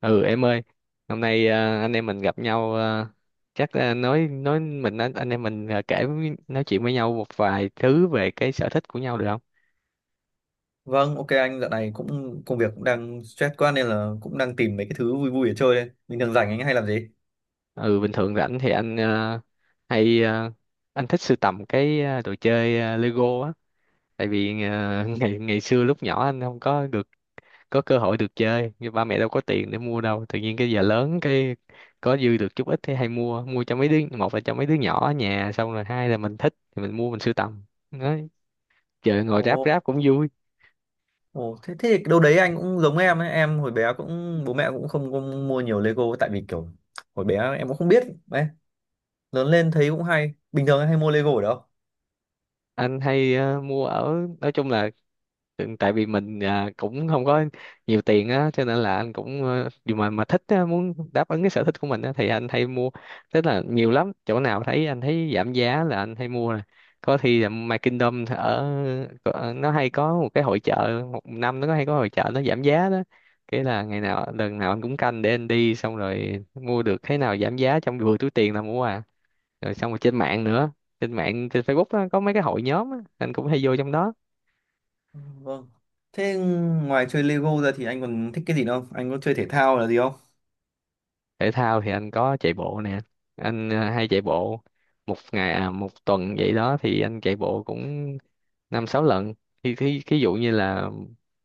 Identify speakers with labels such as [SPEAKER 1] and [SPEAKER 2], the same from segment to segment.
[SPEAKER 1] Ừ em ơi, hôm nay anh em mình gặp nhau, chắc à, nói mình anh em mình, nói chuyện với nhau một vài thứ về cái sở thích của nhau được không?
[SPEAKER 2] Vâng, ok anh dạo này cũng công việc cũng đang stress quá nên là cũng đang tìm mấy cái thứ vui vui để chơi đây. Bình thường rảnh anh hay làm gì?
[SPEAKER 1] Ừ Bình thường rảnh thì anh hay à, anh thích sưu tầm cái đồ chơi, Lego á. Tại vì ngày ngày xưa lúc nhỏ anh không có được có cơ hội được chơi, như ba mẹ đâu có tiền để mua đâu, tự nhiên cái giờ lớn cái có dư được chút ít thì hay mua mua cho mấy đứa. Một là cho mấy đứa nhỏ ở nhà, xong rồi hai là mình thích thì mình mua mình sưu tầm, giờ ngồi ráp
[SPEAKER 2] Ồ,
[SPEAKER 1] ráp cũng vui.
[SPEAKER 2] ồ, thế thế thì đâu đấy anh cũng giống em ấy, em hồi bé cũng bố mẹ cũng không mua nhiều Lego tại vì kiểu hồi bé em cũng không biết đấy. Lớn lên thấy cũng hay. Bình thường em hay mua Lego ở đâu?
[SPEAKER 1] Anh hay mua ở, nói chung là, tại vì mình cũng không có nhiều tiền á, cho nên là anh cũng dù mà thích á, muốn đáp ứng cái sở thích của mình á, thì anh hay mua. Tức là nhiều lắm, chỗ nào thấy anh thấy giảm giá là anh hay mua nè. Có khi là My Kingdom ở, nó hay có một cái hội chợ, một năm nó có hay có hội chợ nó giảm giá đó, cái là ngày nào lần nào anh cũng canh để anh đi, xong rồi mua được cái nào giảm giá trong vừa túi tiền là mua à. Rồi xong rồi trên mạng nữa, trên mạng trên Facebook á, có mấy cái hội nhóm á anh cũng hay vô trong đó.
[SPEAKER 2] Ừ, vâng. Thế ngoài chơi Lego ra thì anh còn thích cái gì nữa không? Anh có chơi thể thao là gì không?
[SPEAKER 1] Thể thao thì anh có chạy bộ nè, anh hay chạy bộ. Một ngày à một tuần vậy đó thì anh chạy bộ cũng năm sáu lần. Thì thí thí dụ như là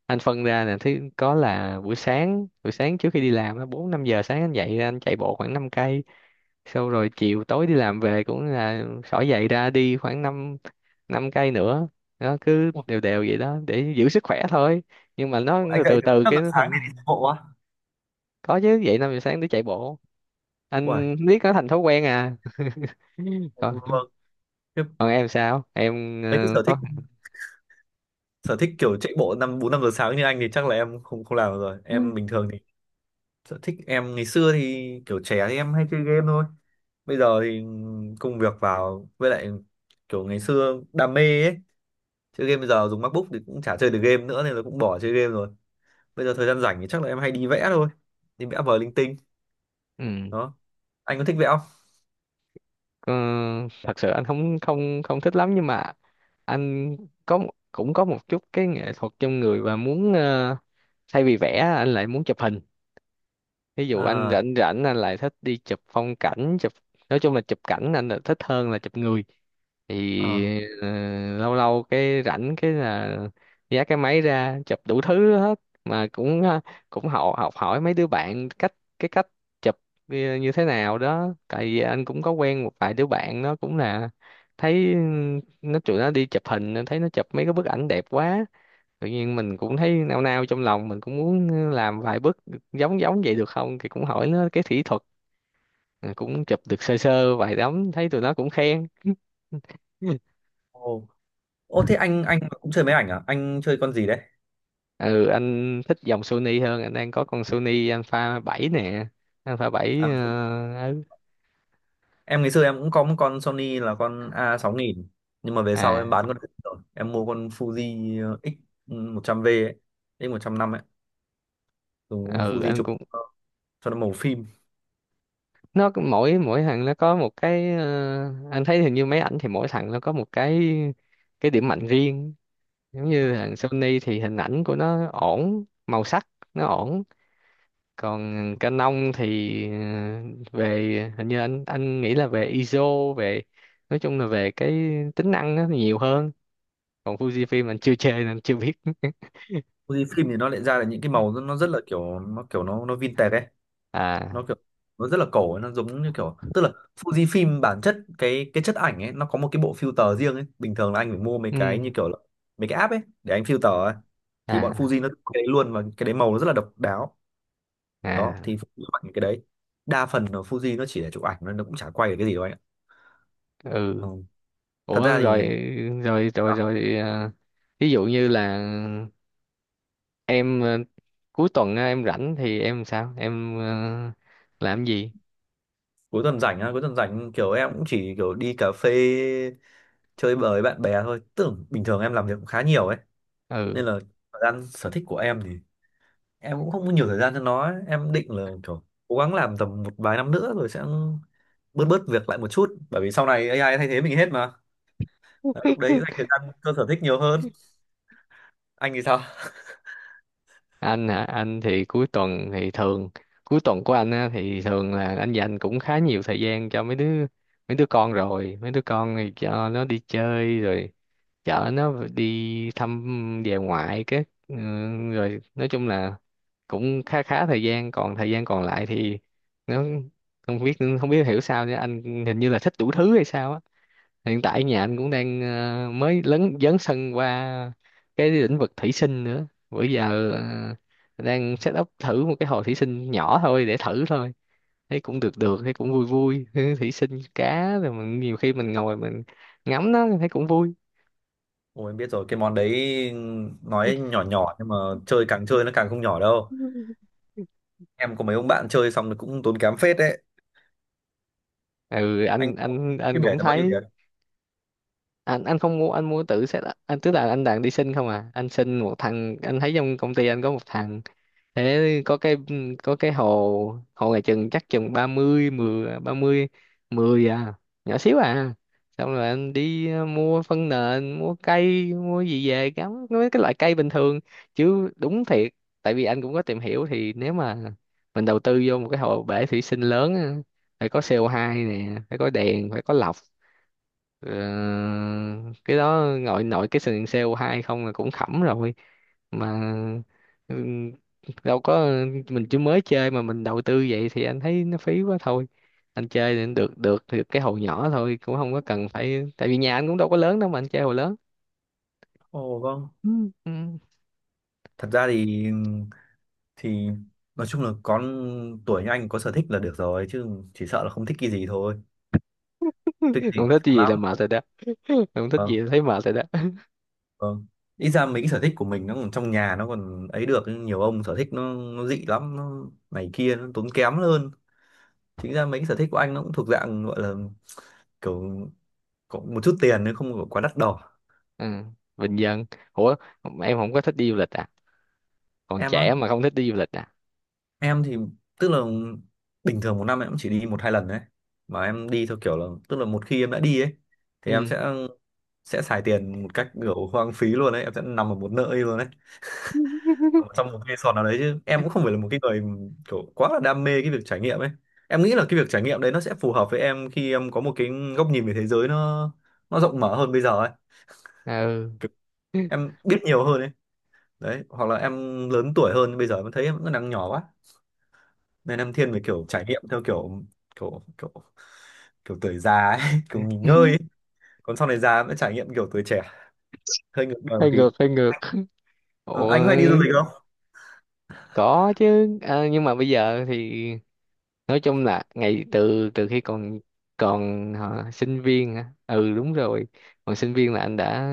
[SPEAKER 1] anh phân ra nè, thứ có là buổi sáng trước khi đi làm á, bốn năm giờ sáng anh dậy ra anh chạy bộ khoảng 5 cây, sau rồi chiều tối đi làm về cũng là xỏ giày ra đi khoảng 5 năm cây nữa. Nó cứ đều đều vậy đó để giữ sức khỏe thôi, nhưng mà nó
[SPEAKER 2] Ủa, anh dậy
[SPEAKER 1] từ
[SPEAKER 2] từ
[SPEAKER 1] từ
[SPEAKER 2] 5
[SPEAKER 1] cái
[SPEAKER 2] giờ
[SPEAKER 1] nó
[SPEAKER 2] sáng để đi
[SPEAKER 1] thành.
[SPEAKER 2] chạy bộ á?
[SPEAKER 1] Có chứ, dậy năm giờ sáng để chạy bộ,
[SPEAKER 2] Uầy,
[SPEAKER 1] anh biết nó thành thói quen à. Còn,
[SPEAKER 2] vâng, thế-
[SPEAKER 1] còn em sao, em
[SPEAKER 2] mấy cái sở
[SPEAKER 1] có
[SPEAKER 2] thích sở thích kiểu chạy bộ năm bốn năm giờ sáng như anh thì chắc là em không không làm được rồi. Em bình thường thì sở thích em ngày xưa thì kiểu trẻ thì em hay chơi game thôi. Bây giờ thì công việc vào với lại kiểu ngày xưa đam mê ấy, chơi game bây giờ dùng MacBook thì cũng chả chơi được game nữa nên là cũng bỏ chơi game rồi. Bây giờ thời gian rảnh thì chắc là em hay đi vẽ thôi, đi vẽ vời linh tinh
[SPEAKER 1] ừ,
[SPEAKER 2] đó. Anh có thích vẽ không?
[SPEAKER 1] có? Thật sự anh không không không thích lắm, nhưng mà anh có, cũng có một chút cái nghệ thuật trong người và muốn thay vì vẽ anh lại muốn chụp hình. Ví dụ anh
[SPEAKER 2] À.
[SPEAKER 1] rảnh rảnh anh lại thích đi chụp phong cảnh chụp, nói chung là chụp cảnh anh là thích hơn là chụp người.
[SPEAKER 2] À.
[SPEAKER 1] Thì lâu lâu cái rảnh cái là giá cái máy ra chụp đủ thứ hết. Mà cũng cũng học học hỏi mấy đứa bạn cách cách chụp như như thế nào đó, tại vì anh cũng có quen một vài đứa bạn nó cũng là, thấy tụi nó đi chụp hình, anh thấy nó chụp mấy cái bức ảnh đẹp quá, tự nhiên mình cũng thấy nao nao trong lòng, mình cũng muốn làm vài bước giống giống vậy được không, thì cũng hỏi nó cái kỹ thuật. Rồi cũng chụp được sơ sơ vài tấm, thấy tụi nó cũng khen.
[SPEAKER 2] Ồ. Ô, thế anh cũng chơi máy ảnh à? Anh chơi con gì đấy?
[SPEAKER 1] Ừ, anh thích dòng Sony hơn, anh đang có con Sony Alpha bảy nè. Alpha 7,
[SPEAKER 2] À,
[SPEAKER 1] ừ.
[SPEAKER 2] em ngày xưa em cũng có một con Sony là con a6000, nhưng mà về sau em
[SPEAKER 1] À,
[SPEAKER 2] bán con đấy rồi em mua con Fuji x 100V ấy, x 100 năm ấy, dùng con
[SPEAKER 1] ừ
[SPEAKER 2] Fuji
[SPEAKER 1] anh
[SPEAKER 2] chụp
[SPEAKER 1] cũng,
[SPEAKER 2] cho nó màu phim.
[SPEAKER 1] nó mỗi mỗi thằng nó có một cái, anh thấy hình như máy ảnh thì mỗi thằng nó có một cái điểm mạnh riêng. Giống như thằng Sony thì hình ảnh của nó ổn, màu sắc nó ổn. Còn Canon thì về hình như anh nghĩ là về ISO, về, nói chung là về cái tính năng nó nhiều hơn. Còn Fujifilm anh chưa chơi nên anh chưa biết.
[SPEAKER 2] Fuji phim thì nó lại ra là những cái màu nó rất là kiểu nó nó vintage ấy,
[SPEAKER 1] À,
[SPEAKER 2] nó kiểu nó rất là cổ ấy, nó giống như kiểu tức là Fuji phim bản chất cái chất ảnh ấy nó có một cái bộ filter riêng ấy, bình thường là anh phải mua mấy
[SPEAKER 1] ừ.
[SPEAKER 2] cái như kiểu là mấy cái app ấy để anh filter ấy, thì bọn
[SPEAKER 1] À.
[SPEAKER 2] Fuji nó cái đấy luôn và cái đấy màu nó rất là độc đáo đó.
[SPEAKER 1] À.
[SPEAKER 2] Thì Fuji chụp ảnh cái đấy, đa phần là Fuji nó chỉ là chụp ảnh thôi, nó cũng chả quay được cái gì đâu anh ạ.
[SPEAKER 1] Ừ.
[SPEAKER 2] Ừ.
[SPEAKER 1] Ủa,
[SPEAKER 2] Thật ra
[SPEAKER 1] rồi
[SPEAKER 2] thì
[SPEAKER 1] rồi rồi
[SPEAKER 2] à,
[SPEAKER 1] rồi ví dụ như là em cuối tuần á, em rảnh thì em sao, em làm gì?
[SPEAKER 2] cuối tuần rảnh kiểu em cũng chỉ kiểu đi cà phê chơi bời với bạn bè thôi, tưởng bình thường em làm việc cũng khá nhiều ấy,
[SPEAKER 1] Ừ,
[SPEAKER 2] nên là thời gian sở thích của em thì em cũng không có nhiều thời gian cho nó ấy. Em định là kiểu cố gắng làm tầm một vài năm nữa rồi sẽ bớt bớt việc lại một chút, bởi vì sau này AI thay thế mình hết mà. Đấy, lúc đấy dành thời gian cho sở thích nhiều hơn. Anh thì sao?
[SPEAKER 1] anh hả? Anh thì cuối tuần thì thường, cuối tuần của anh á, thì thường là anh dành cũng khá nhiều thời gian cho mấy đứa, mấy đứa con rồi mấy đứa con thì cho nó đi chơi, rồi chở nó đi thăm về ngoại cái, rồi nói chung là cũng khá khá thời gian. Còn thời gian còn lại thì nó, không biết, không biết hiểu sao nữa, anh hình như là thích đủ thứ hay sao á. Hiện tại nhà anh cũng đang mới lấn dấn sân qua cái lĩnh vực thủy sinh nữa, bữa giờ đang set up thử một cái hồ thủy sinh nhỏ thôi để thử thôi. Thấy cũng được được, thấy cũng vui vui. Thủy sinh cá rồi, mình nhiều khi mình ngồi mình ngắm nó thấy cũng vui.
[SPEAKER 2] Ôi em biết rồi, cái món đấy nói nhỏ nhỏ nhưng mà chơi càng chơi nó càng không nhỏ đâu. Em có mấy ông bạn chơi xong thì cũng tốn kém phết đấy. Anh,
[SPEAKER 1] Anh
[SPEAKER 2] cái bể
[SPEAKER 1] cũng
[SPEAKER 2] là bao nhiêu
[SPEAKER 1] thấy,
[SPEAKER 2] tiền?
[SPEAKER 1] anh không mua, anh mua tự set up. Anh tức là anh đang đi sinh không à, anh sinh một thằng, anh thấy trong công ty anh có một thằng thế, có cái hồ hồ này chừng, chắc chừng ba mươi mười à, nhỏ xíu à. Xong rồi anh đi mua phân nền, mua cây mua gì về cắm mấy cái loại cây bình thường chứ đúng thiệt. Tại vì anh cũng có tìm hiểu thì nếu mà mình đầu tư vô một cái hồ bể thủy sinh lớn á, phải có CO2 nè, phải có đèn, phải có lọc. Ờ, cái đó nội nội cái sừng sale hai không là cũng khẩm rồi mà. ừ, Đâu có, mình chỉ mới chơi mà mình đầu tư vậy thì anh thấy nó phí quá thôi. Anh chơi thì được được được cái hồ nhỏ thôi, cũng không có cần phải, tại vì nhà anh cũng đâu có lớn đâu mà anh chơi hồ lớn.
[SPEAKER 2] Ồ vâng.
[SPEAKER 1] Ừ, ừ.
[SPEAKER 2] Thật ra thì nói chung là con tuổi như anh có sở thích là được rồi chứ, chỉ sợ là không thích cái gì thôi. Thích cái
[SPEAKER 1] Không
[SPEAKER 2] gì thì
[SPEAKER 1] thích
[SPEAKER 2] chán
[SPEAKER 1] gì là
[SPEAKER 2] lắm.
[SPEAKER 1] mệt rồi đó, không thích gì
[SPEAKER 2] Vâng,
[SPEAKER 1] là thấy mệt rồi đó.
[SPEAKER 2] vâng. Ít ra mấy cái sở thích của mình nó còn trong nhà nó còn ấy được, nhưng nhiều ông sở thích nó dị lắm, nó này kia nó tốn kém hơn. Chính ra mấy cái sở thích của anh nó cũng thuộc dạng gọi là kiểu có một chút tiền nếu không có quá đắt đỏ.
[SPEAKER 1] Ừ. Bình dân. Ủa em không có thích đi du lịch à?
[SPEAKER 2] Em
[SPEAKER 1] Còn
[SPEAKER 2] á,
[SPEAKER 1] trẻ mà không thích đi du lịch à?
[SPEAKER 2] em thì tức là bình thường một năm em cũng chỉ đi một hai lần đấy, mà em đi theo kiểu là tức là một khi em đã đi ấy thì em
[SPEAKER 1] Ừ.
[SPEAKER 2] sẽ xài tiền một cách kiểu hoang phí luôn đấy, em sẽ nằm ở một nơi luôn đấy, ở trong một resort nào đấy, chứ em cũng không phải là một cái người kiểu quá là đam mê cái việc trải nghiệm ấy. Em nghĩ là cái việc trải nghiệm đấy nó sẽ phù hợp với em khi em có một cái góc nhìn về thế giới nó rộng mở hơn bây giờ ấy.
[SPEAKER 1] Ừ.
[SPEAKER 2] Kiểu em biết nhiều hơn ấy đấy, hoặc là em lớn tuổi hơn. Bây giờ em thấy em vẫn đang nhỏ quá, nên em thiên về kiểu trải nghiệm theo kiểu kiểu kiểu kiểu tuổi già ấy, kiểu nghỉ ngơi ấy. Còn sau này già mới trải nghiệm kiểu tuổi trẻ, hơi ngược đời một
[SPEAKER 1] Hơi
[SPEAKER 2] tí.
[SPEAKER 1] ngược, hơi ngược.
[SPEAKER 2] Ờ,
[SPEAKER 1] Ủa,
[SPEAKER 2] anh hay đi du lịch không?
[SPEAKER 1] có chứ nhưng mà bây giờ thì, nói chung là ngày, từ từ khi còn, còn hả, sinh viên hả? Ừ đúng rồi, còn sinh viên là anh đã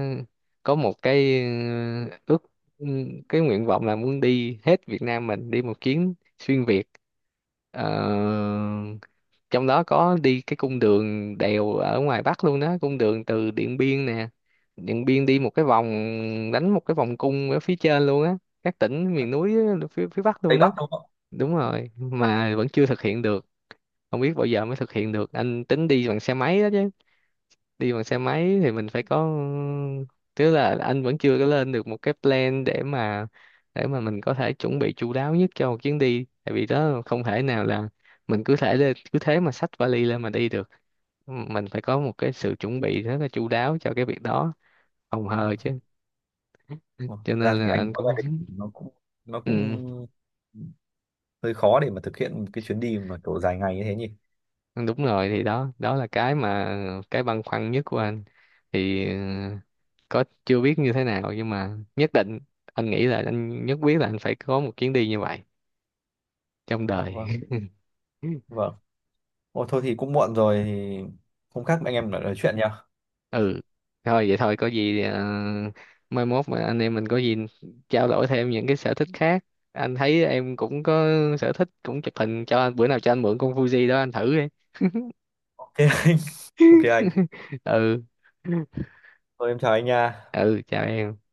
[SPEAKER 1] có một cái ừ, cái nguyện vọng là muốn đi hết Việt Nam, mình đi một chuyến xuyên Việt. Ờ, trong đó có đi cái cung đường đèo ở ngoài Bắc luôn đó, cung đường từ Điện Biên nè, Điện Biên đi một cái vòng, đánh một cái vòng cung ở phía trên luôn á, các tỉnh miền núi á, phía phía Bắc
[SPEAKER 2] Tây
[SPEAKER 1] luôn đó.
[SPEAKER 2] Bắc đúng không?
[SPEAKER 1] Đúng rồi, mà vẫn chưa thực hiện được, không biết bao giờ mới thực hiện được. Anh tính đi bằng xe máy đó chứ. Đi bằng xe máy thì mình phải có, tức là anh vẫn chưa có lên được một cái plan để mà, để mà mình có thể chuẩn bị chu đáo nhất cho một chuyến đi. Tại vì đó không thể nào là mình cứ thể lên cứ thế mà xách vali lên mà đi được, mình phải có một cái sự chuẩn bị rất là chu đáo cho cái việc đó, phòng
[SPEAKER 2] Ừ.
[SPEAKER 1] hờ chứ.
[SPEAKER 2] Mặc
[SPEAKER 1] Cho nên
[SPEAKER 2] ra thì
[SPEAKER 1] là
[SPEAKER 2] anh
[SPEAKER 1] anh
[SPEAKER 2] có gia
[SPEAKER 1] cũng,
[SPEAKER 2] đình nó
[SPEAKER 1] ừ.
[SPEAKER 2] cũng hơi khó để mà thực hiện một cái chuyến đi mà kiểu dài ngày như thế nhỉ.
[SPEAKER 1] Đúng rồi thì đó, đó là cái mà, cái băn khoăn nhất của anh. Thì có chưa biết như thế nào, nhưng mà nhất định, anh nghĩ là anh nhất quyết là anh phải có một chuyến đi như vậy trong đời.
[SPEAKER 2] Vâng, vâng. Ồ, thôi thì cũng muộn rồi thì hôm khác anh em lại nói chuyện nhá.
[SPEAKER 1] Ừ, thôi vậy thôi, có gì mai mốt mà anh em mình có gì trao đổi thêm những cái sở thích khác. Anh thấy em cũng có sở thích cũng chụp hình, cho anh bữa nào cho anh mượn con Fuji đó anh thử đi.
[SPEAKER 2] Ok anh. Ok anh.
[SPEAKER 1] Ừ.
[SPEAKER 2] Thôi em chào anh nha.
[SPEAKER 1] Ừ, chào em.